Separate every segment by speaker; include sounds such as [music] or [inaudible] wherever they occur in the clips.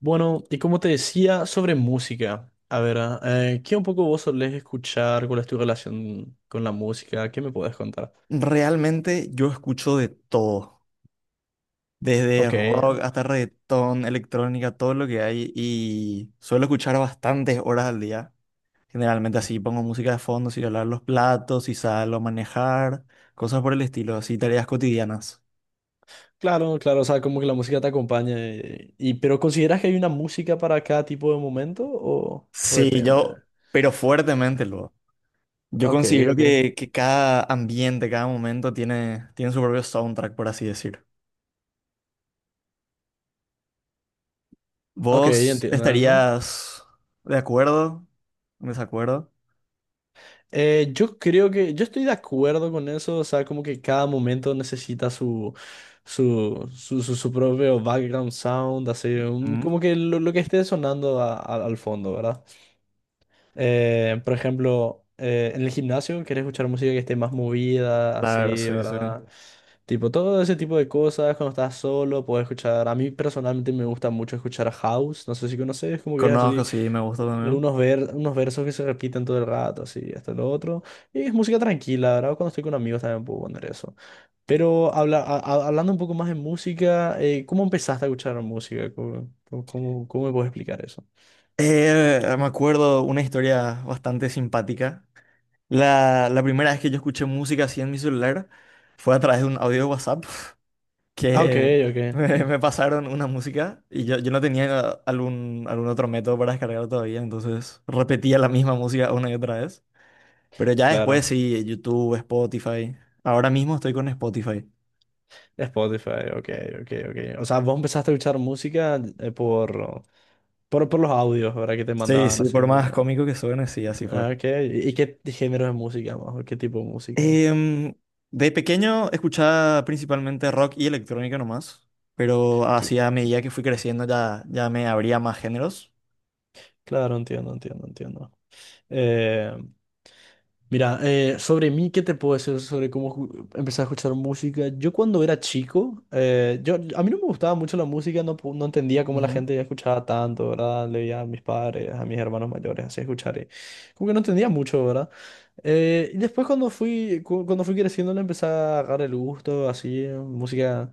Speaker 1: Bueno, y como te decía, sobre música. A ver, ¿qué un poco vos solés escuchar? ¿Cuál es tu relación con la música? ¿Qué me podés contar?
Speaker 2: Realmente yo escucho de todo, desde
Speaker 1: Ok,
Speaker 2: rock hasta reggaetón, electrónica, todo lo que hay y suelo escuchar bastantes horas al día. Generalmente así pongo música de fondo, si lavar los platos, si salgo a manejar, cosas por el estilo, así tareas cotidianas.
Speaker 1: claro, claro, o sea, como que la música te acompaña. Y, pero ¿consideras que hay una música para cada tipo de momento o
Speaker 2: Sí,
Speaker 1: depende?
Speaker 2: yo, pero fuertemente luego. Yo
Speaker 1: Ok,
Speaker 2: considero
Speaker 1: ok.
Speaker 2: que, cada ambiente, cada momento tiene, su propio soundtrack, por así decir.
Speaker 1: Ok,
Speaker 2: ¿Vos
Speaker 1: entiendo eso.
Speaker 2: estarías de acuerdo? ¿En ¿Desacuerdo?
Speaker 1: Yo creo que yo estoy de acuerdo con eso, o sea, como que cada momento necesita su propio background sound, así, como que lo que esté sonando al fondo, ¿verdad? Por ejemplo, en el gimnasio querés escuchar música que esté más movida, así,
Speaker 2: Claro, sí, sí.
Speaker 1: ¿verdad? Tipo, todo ese tipo de cosas, cuando estás solo, puedes escuchar. A mí personalmente me gusta mucho escuchar house. No sé si conoces, como que es así,
Speaker 2: Conozco, sí, me gusta también.
Speaker 1: algunos ver, unos versos que se repiten todo el rato, así, esto, lo otro. Y es música tranquila, ¿verdad? Cuando estoy con amigos también puedo poner eso. Pero habla, hablando un poco más de música, ¿cómo empezaste a escuchar música? Cómo me puedes explicar eso?
Speaker 2: Me acuerdo una historia bastante simpática. La primera vez que yo escuché música así en mi celular fue a través de un audio de WhatsApp [laughs]
Speaker 1: Ah, ok,
Speaker 2: que
Speaker 1: ok.
Speaker 2: me, pasaron una música y yo, no tenía algún, otro método para descargar todavía, entonces repetía la misma música una y otra vez. Pero ya después
Speaker 1: Claro.
Speaker 2: sí, YouTube, Spotify. Ahora mismo estoy con Spotify.
Speaker 1: Spotify, ok, ok, ok. O sea, vos empezaste a escuchar música por. Por los audios, ¿verdad? Que te
Speaker 2: Sí,
Speaker 1: mandaban
Speaker 2: sí,
Speaker 1: así.
Speaker 2: por
Speaker 1: Porque…
Speaker 2: más cómico que suene, sí, así fue.
Speaker 1: Ah, ok. Y qué género de música más? ¿O qué tipo de música?
Speaker 2: Em, de pequeño escuchaba principalmente rock y electrónica nomás, pero
Speaker 1: Cl-
Speaker 2: así a medida que fui creciendo ya, me abría más géneros.
Speaker 1: Claro, entiendo, entiendo, entiendo. Eh, Mira, sobre mí, ¿qué te puedo decir sobre cómo empecé a escuchar música? Yo cuando era chico, a mí no me gustaba mucho la música, no, no entendía cómo la
Speaker 2: Ujú.
Speaker 1: gente escuchaba tanto, ¿verdad? Le veía a mis padres, a mis hermanos mayores, así escuchar. Y como que no entendía mucho, ¿verdad? Y después cuando cuando fui creciendo le empecé a agarrar el gusto, así, música…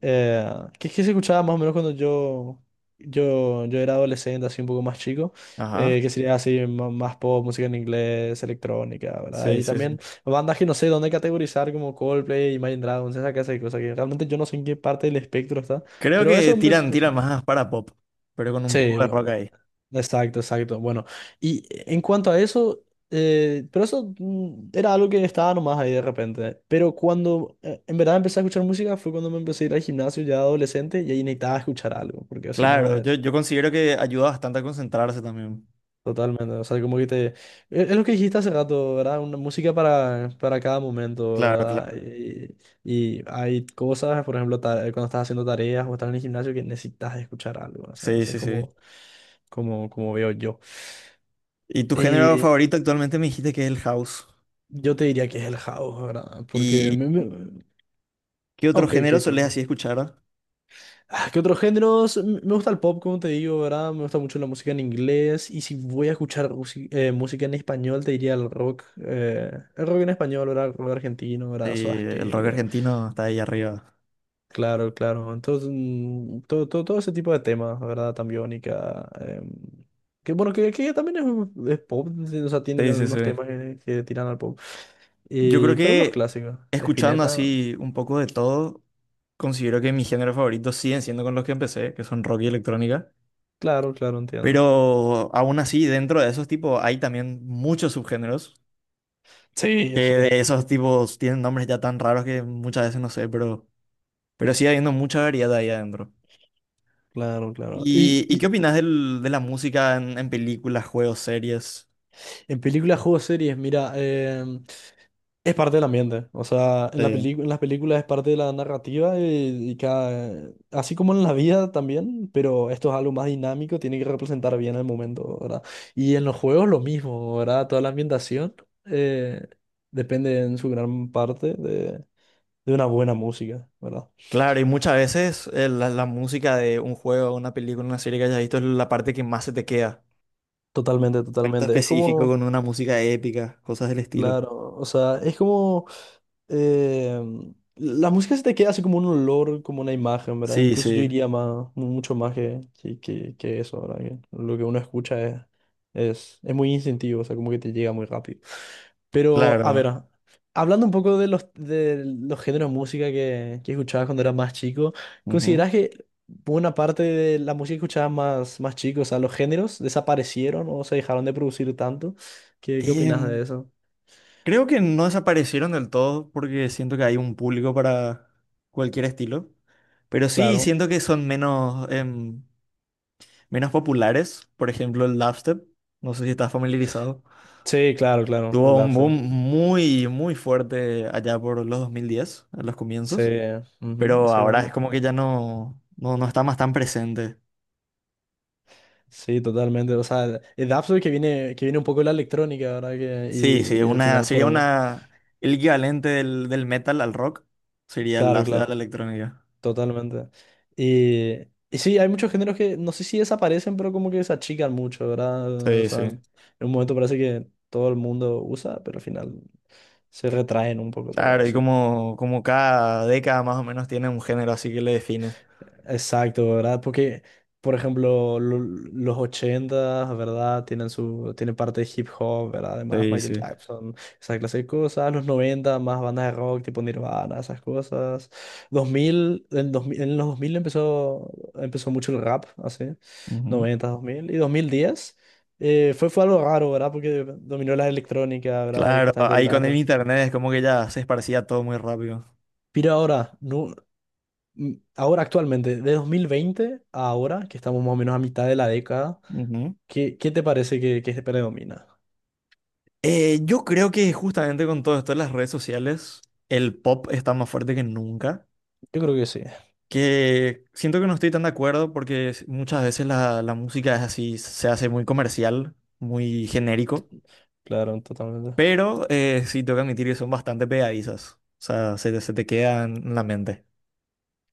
Speaker 1: Eh, que es que se escuchaba más o menos cuando yo era adolescente, así un poco más chico,
Speaker 2: Ajá,
Speaker 1: que sería así más pop, música en inglés, electrónica, ¿verdad?
Speaker 2: sí,
Speaker 1: Y
Speaker 2: sí, sí.
Speaker 1: también bandas que no sé dónde categorizar como Coldplay, Imagine Dragons, esa clase de cosas que realmente yo no sé en qué parte del espectro está,
Speaker 2: Creo
Speaker 1: pero eso
Speaker 2: que
Speaker 1: empecé a
Speaker 2: tiran,
Speaker 1: escuchar.
Speaker 2: más para pop, pero con un
Speaker 1: Sí,
Speaker 2: poco de rock ahí.
Speaker 1: exacto, exacto. Bueno, y en cuanto a eso, pero eso era algo que estaba nomás ahí de repente. Pero cuando en verdad empecé a escuchar música fue cuando me empecé a ir al gimnasio ya adolescente y ahí necesitaba escuchar algo, porque si no
Speaker 2: Claro, yo,
Speaker 1: es
Speaker 2: considero que ayuda bastante a concentrarse también.
Speaker 1: totalmente, o sea, como que te… es lo que dijiste hace rato, ¿verdad? Una música para cada momento,
Speaker 2: Claro,
Speaker 1: ¿verdad?
Speaker 2: claro.
Speaker 1: Y hay cosas, por ejemplo, cuando estás haciendo tareas o estás en el gimnasio que necesitas escuchar algo, o sea,
Speaker 2: Sí,
Speaker 1: así
Speaker 2: sí,
Speaker 1: es
Speaker 2: sí.
Speaker 1: como veo yo.
Speaker 2: ¿Y tu género favorito actualmente me dijiste que es el house?
Speaker 1: Yo te diría que es el house, ¿verdad? Porque…
Speaker 2: ¿Y
Speaker 1: Me,
Speaker 2: qué
Speaker 1: ah,
Speaker 2: otro
Speaker 1: ok,
Speaker 2: género solés así escuchar?
Speaker 1: ah, ¿qué otros géneros? Me gusta el pop, como te digo, ¿verdad? Me gusta mucho la música en inglés. Y si voy a escuchar música en español, te diría el rock. El rock en español, ¿verdad? El rock argentino,
Speaker 2: Sí,
Speaker 1: ¿verdad? Soda
Speaker 2: el rock
Speaker 1: Stereo.
Speaker 2: argentino está ahí arriba.
Speaker 1: Claro, claro. Entonces, todo ese tipo de temas, ¿verdad? Tambiónica. Que bueno, que también es pop. Sí, o sea, tiene
Speaker 2: Sí, sí, sí.
Speaker 1: algunos temas que tiran al pop.
Speaker 2: Yo creo
Speaker 1: Y pero los
Speaker 2: que
Speaker 1: clásicos.
Speaker 2: escuchando
Speaker 1: Spinetta.
Speaker 2: así un poco de todo, considero que mis géneros favoritos siguen siendo con los que empecé, que son rock y electrónica.
Speaker 1: Claro, claro, entiendo.
Speaker 2: Pero aún así, dentro de esos tipos hay también muchos subgéneros,
Speaker 1: Sí,
Speaker 2: que
Speaker 1: sí,
Speaker 2: de esos tipos tienen nombres ya tan raros que muchas veces no sé, pero, sigue habiendo mucha variedad ahí adentro.
Speaker 1: claro, claro.
Speaker 2: ¿Y, qué
Speaker 1: Y
Speaker 2: opinas de la música en, películas, juegos, series?
Speaker 1: en películas, juegos, series, mira, es parte del ambiente. O sea, en la
Speaker 2: Eh,
Speaker 1: en las películas es parte de la narrativa y cada, así como en la vida también, pero esto es algo más dinámico, tiene que representar bien el momento, ¿verdad? Y en los juegos lo mismo, ¿verdad? Toda la ambientación eh, depende en su gran parte de una buena música, ¿verdad?
Speaker 2: Claro, y muchas veces la, música de un juego, una película, una serie que hayas visto es la parte que más se te queda.
Speaker 1: Totalmente,
Speaker 2: Evento
Speaker 1: totalmente. Es
Speaker 2: específico
Speaker 1: como…
Speaker 2: con una música épica, cosas del estilo.
Speaker 1: Claro, o sea, es como… eh, la música se te queda así como un olor, como una imagen, ¿verdad?
Speaker 2: Sí,
Speaker 1: Incluso yo
Speaker 2: sí,
Speaker 1: diría más, mucho más que eso, ¿verdad? Que lo que uno escucha es muy instintivo, o sea, como que te llega muy rápido. Pero, a ver,
Speaker 2: claro.
Speaker 1: hablando un poco de de los géneros de música que escuchabas cuando eras más chico,
Speaker 2: Ujú.
Speaker 1: ¿consideras que buena parte de la música que escuchabas más, más chico, o sea, los géneros desaparecieron o se dejaron de producir tanto? Qué opinas de
Speaker 2: Em,
Speaker 1: eso?
Speaker 2: Creo que no desaparecieron del todo porque siento que hay un público para cualquier estilo, pero sí
Speaker 1: Claro,
Speaker 2: siento que son menos, menos populares. Por ejemplo, el dubstep, no sé si estás familiarizado.
Speaker 1: sí, claro, claro, el
Speaker 2: Tuvo un boom
Speaker 1: Dapsul.
Speaker 2: muy, muy fuerte allá por los 2010, a los
Speaker 1: Sí,
Speaker 2: comienzos,
Speaker 1: ujú,
Speaker 2: pero ahora es
Speaker 1: exactamente.
Speaker 2: como que ya no, no está más tan presente.
Speaker 1: Sí, totalmente. O sea, el Dapsul que viene un poco de la electrónica, ¿verdad? Que,
Speaker 2: Sí, sí,
Speaker 1: y al final formó.
Speaker 2: el equivalente del, metal al rock sería el
Speaker 1: Claro,
Speaker 2: dubstep a la
Speaker 1: claro,
Speaker 2: electrónica.
Speaker 1: totalmente. Y, y sí, hay muchos géneros que no sé si desaparecen, pero como que se achican mucho, ¿verdad? O
Speaker 2: Sí,
Speaker 1: sea,
Speaker 2: sí.
Speaker 1: en un momento parece que todo el mundo usa, pero al final se retraen un poco, te voy a
Speaker 2: Claro, y
Speaker 1: decir.
Speaker 2: como, cada década más o menos tiene un género así que le define.
Speaker 1: Exacto, ¿verdad? Porque, por ejemplo, los 80, ¿verdad? Tienen su, tienen parte de hip hop, ¿verdad? Además,
Speaker 2: Sí,
Speaker 1: Michael
Speaker 2: sí.
Speaker 1: Jackson, esa clase de cosas. Los 90 más bandas de rock tipo Nirvana, esas cosas. Dos mil en los 2000 empezó mucho el rap, así.
Speaker 2: Ujú,
Speaker 1: Noventa dos mil y 2010 fue algo raro, ¿verdad? Porque dominó la electrónica, ¿verdad? Y
Speaker 2: claro,
Speaker 1: justamente el
Speaker 2: ahí con el
Speaker 1: rap.
Speaker 2: internet es como que ya se esparcía todo muy rápido.
Speaker 1: Pero ahora, ahora actualmente, de 2020 a ahora, que estamos más o menos a mitad de la década,
Speaker 2: Ujú.
Speaker 1: qué te parece que predomina?
Speaker 2: Yo creo que justamente con todo esto de las redes sociales, el pop está más fuerte que nunca.
Speaker 1: Yo creo que sí,
Speaker 2: Que siento que no estoy tan de acuerdo porque muchas veces la, música es así, se hace muy comercial, muy genérico,
Speaker 1: claro, totalmente.
Speaker 2: pero sí tengo que admitir que son bastante pegadizas, o sea, se te quedan en la mente.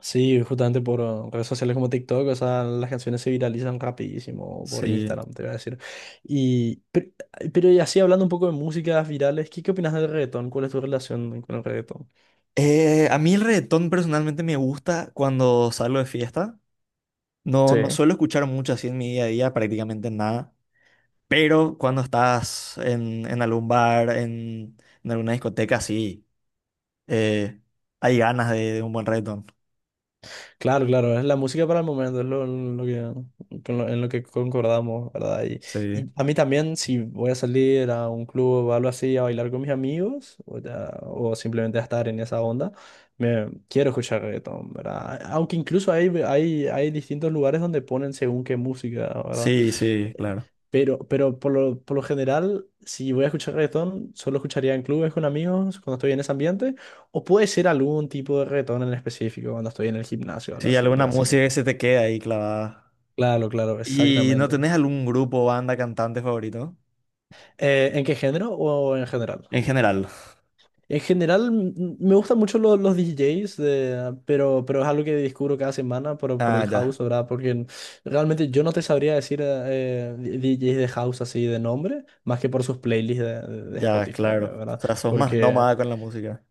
Speaker 1: Sí, justamente por redes sociales como TikTok, o sea, las canciones se viralizan rapidísimo por
Speaker 2: Sí.
Speaker 1: Instagram, te voy a decir. Y, pe- pero, y así hablando un poco de músicas virales, qué opinas del reggaetón? ¿Cuál es tu relación con el reggaetón?
Speaker 2: A mí el reggaetón personalmente me gusta cuando salgo de fiesta. No,
Speaker 1: Sí.
Speaker 2: no suelo escuchar mucho así en mi día a día, prácticamente nada. Pero cuando estás en, algún bar, en, alguna discoteca, sí, eh, hay ganas de, un buen reggaetón.
Speaker 1: Claro, claro, es la música para el momento, es lo en lo que concordamos, ¿verdad?
Speaker 2: Sí.
Speaker 1: Y a mí también, si voy a salir a un club o algo así a bailar con mis amigos, o simplemente a estar en esa onda, me quiero escuchar reggaetón, ¿verdad? Aunque incluso hay distintos lugares donde ponen según qué música, ¿verdad?
Speaker 2: Sí, sí, claro.
Speaker 1: Pero por por lo general, si voy a escuchar reggaetón, solo escucharía en clubes con amigos cuando estoy en ese ambiente, o puede ser algún tipo de reggaetón en específico cuando estoy en el gimnasio, ahora
Speaker 2: Sí,
Speaker 1: sí,
Speaker 2: alguna
Speaker 1: pero así.
Speaker 2: música que se te queda ahí clavada.
Speaker 1: Claro, claro,
Speaker 2: ¿Y no
Speaker 1: exactamente.
Speaker 2: tenés algún grupo, banda, cantante favorito?
Speaker 1: ¿En qué género o en general?
Speaker 2: En general.
Speaker 1: En general, me gustan mucho los DJs, pero es algo que descubro cada semana por
Speaker 2: Ah,
Speaker 1: el
Speaker 2: ya,
Speaker 1: house, ¿verdad? Porque realmente yo no te sabría decir DJs de house así de nombre, más que por sus playlists de
Speaker 2: ya,
Speaker 1: Spotify,
Speaker 2: claro. O
Speaker 1: ¿verdad?
Speaker 2: sea, sos más
Speaker 1: Porque
Speaker 2: nómada con la música.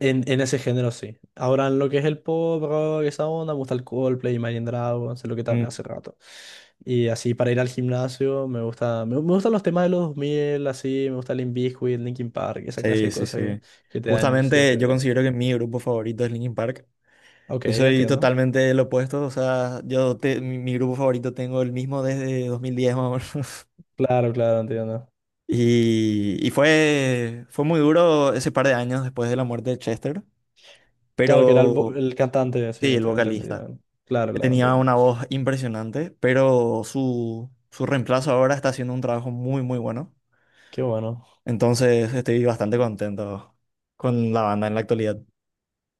Speaker 1: en ese género sí. Ahora en lo que es el pop, rock, esa onda, me gusta el Coldplay, Imagine Dragons, es lo que te hablé
Speaker 2: Mm.
Speaker 1: hace rato. Y así para ir al gimnasio me gustan los temas de los 2000, así, me gusta Limp Bizkit, Linkin Park, esa clase
Speaker 2: Sí,
Speaker 1: de
Speaker 2: sí,
Speaker 1: cosas
Speaker 2: sí.
Speaker 1: que te da energía,
Speaker 2: Justamente
Speaker 1: te
Speaker 2: yo
Speaker 1: ve así.
Speaker 2: considero que mi grupo favorito es Linkin Park.
Speaker 1: Ok,
Speaker 2: Yo soy
Speaker 1: entiendo.
Speaker 2: totalmente el opuesto, o sea, mi, grupo favorito tengo el mismo desde 2010 más o menos. [laughs]
Speaker 1: Claro, claro, entiendo.
Speaker 2: Y, fue, muy duro ese par de años después de la muerte de Chester,
Speaker 1: Claro que era
Speaker 2: pero
Speaker 1: el cantante, sí,
Speaker 2: sí, el
Speaker 1: tengo
Speaker 2: vocalista.
Speaker 1: entendido. Claro,
Speaker 2: Que
Speaker 1: claro,
Speaker 2: tenía
Speaker 1: entiendo.
Speaker 2: una voz impresionante, pero su, reemplazo ahora está haciendo un trabajo muy, muy bueno.
Speaker 1: Qué bueno,
Speaker 2: Entonces estoy bastante contento con la banda en la actualidad.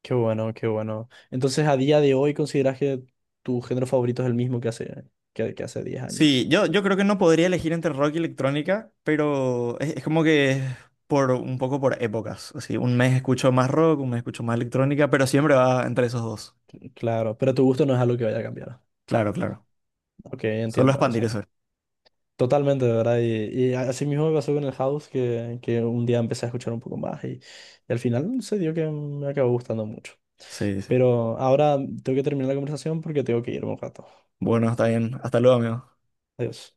Speaker 1: qué bueno, qué bueno. Entonces, a día de hoy, ¿consideras que tu género favorito es el mismo que que hace 10 años?
Speaker 2: Sí, yo, creo que no podría elegir entre rock y electrónica, pero es, como que por un poco por épocas. Así, un mes escucho más rock, un mes escucho más electrónica, pero siempre va entre esos dos.
Speaker 1: Claro, pero tu gusto no es algo que vaya a cambiar.
Speaker 2: Claro, claro.
Speaker 1: Ok,
Speaker 2: Solo
Speaker 1: entiendo
Speaker 2: expandir
Speaker 1: eso.
Speaker 2: eso.
Speaker 1: Totalmente, de verdad. Y así mismo me pasó con el house, que un día empecé a escuchar un poco más y al final se dio que me acabó gustando mucho.
Speaker 2: Sí, sí.
Speaker 1: Pero ahora tengo que terminar la conversación porque tengo que irme un rato.
Speaker 2: Bueno, está bien. Hasta luego, amigo.
Speaker 1: Adiós.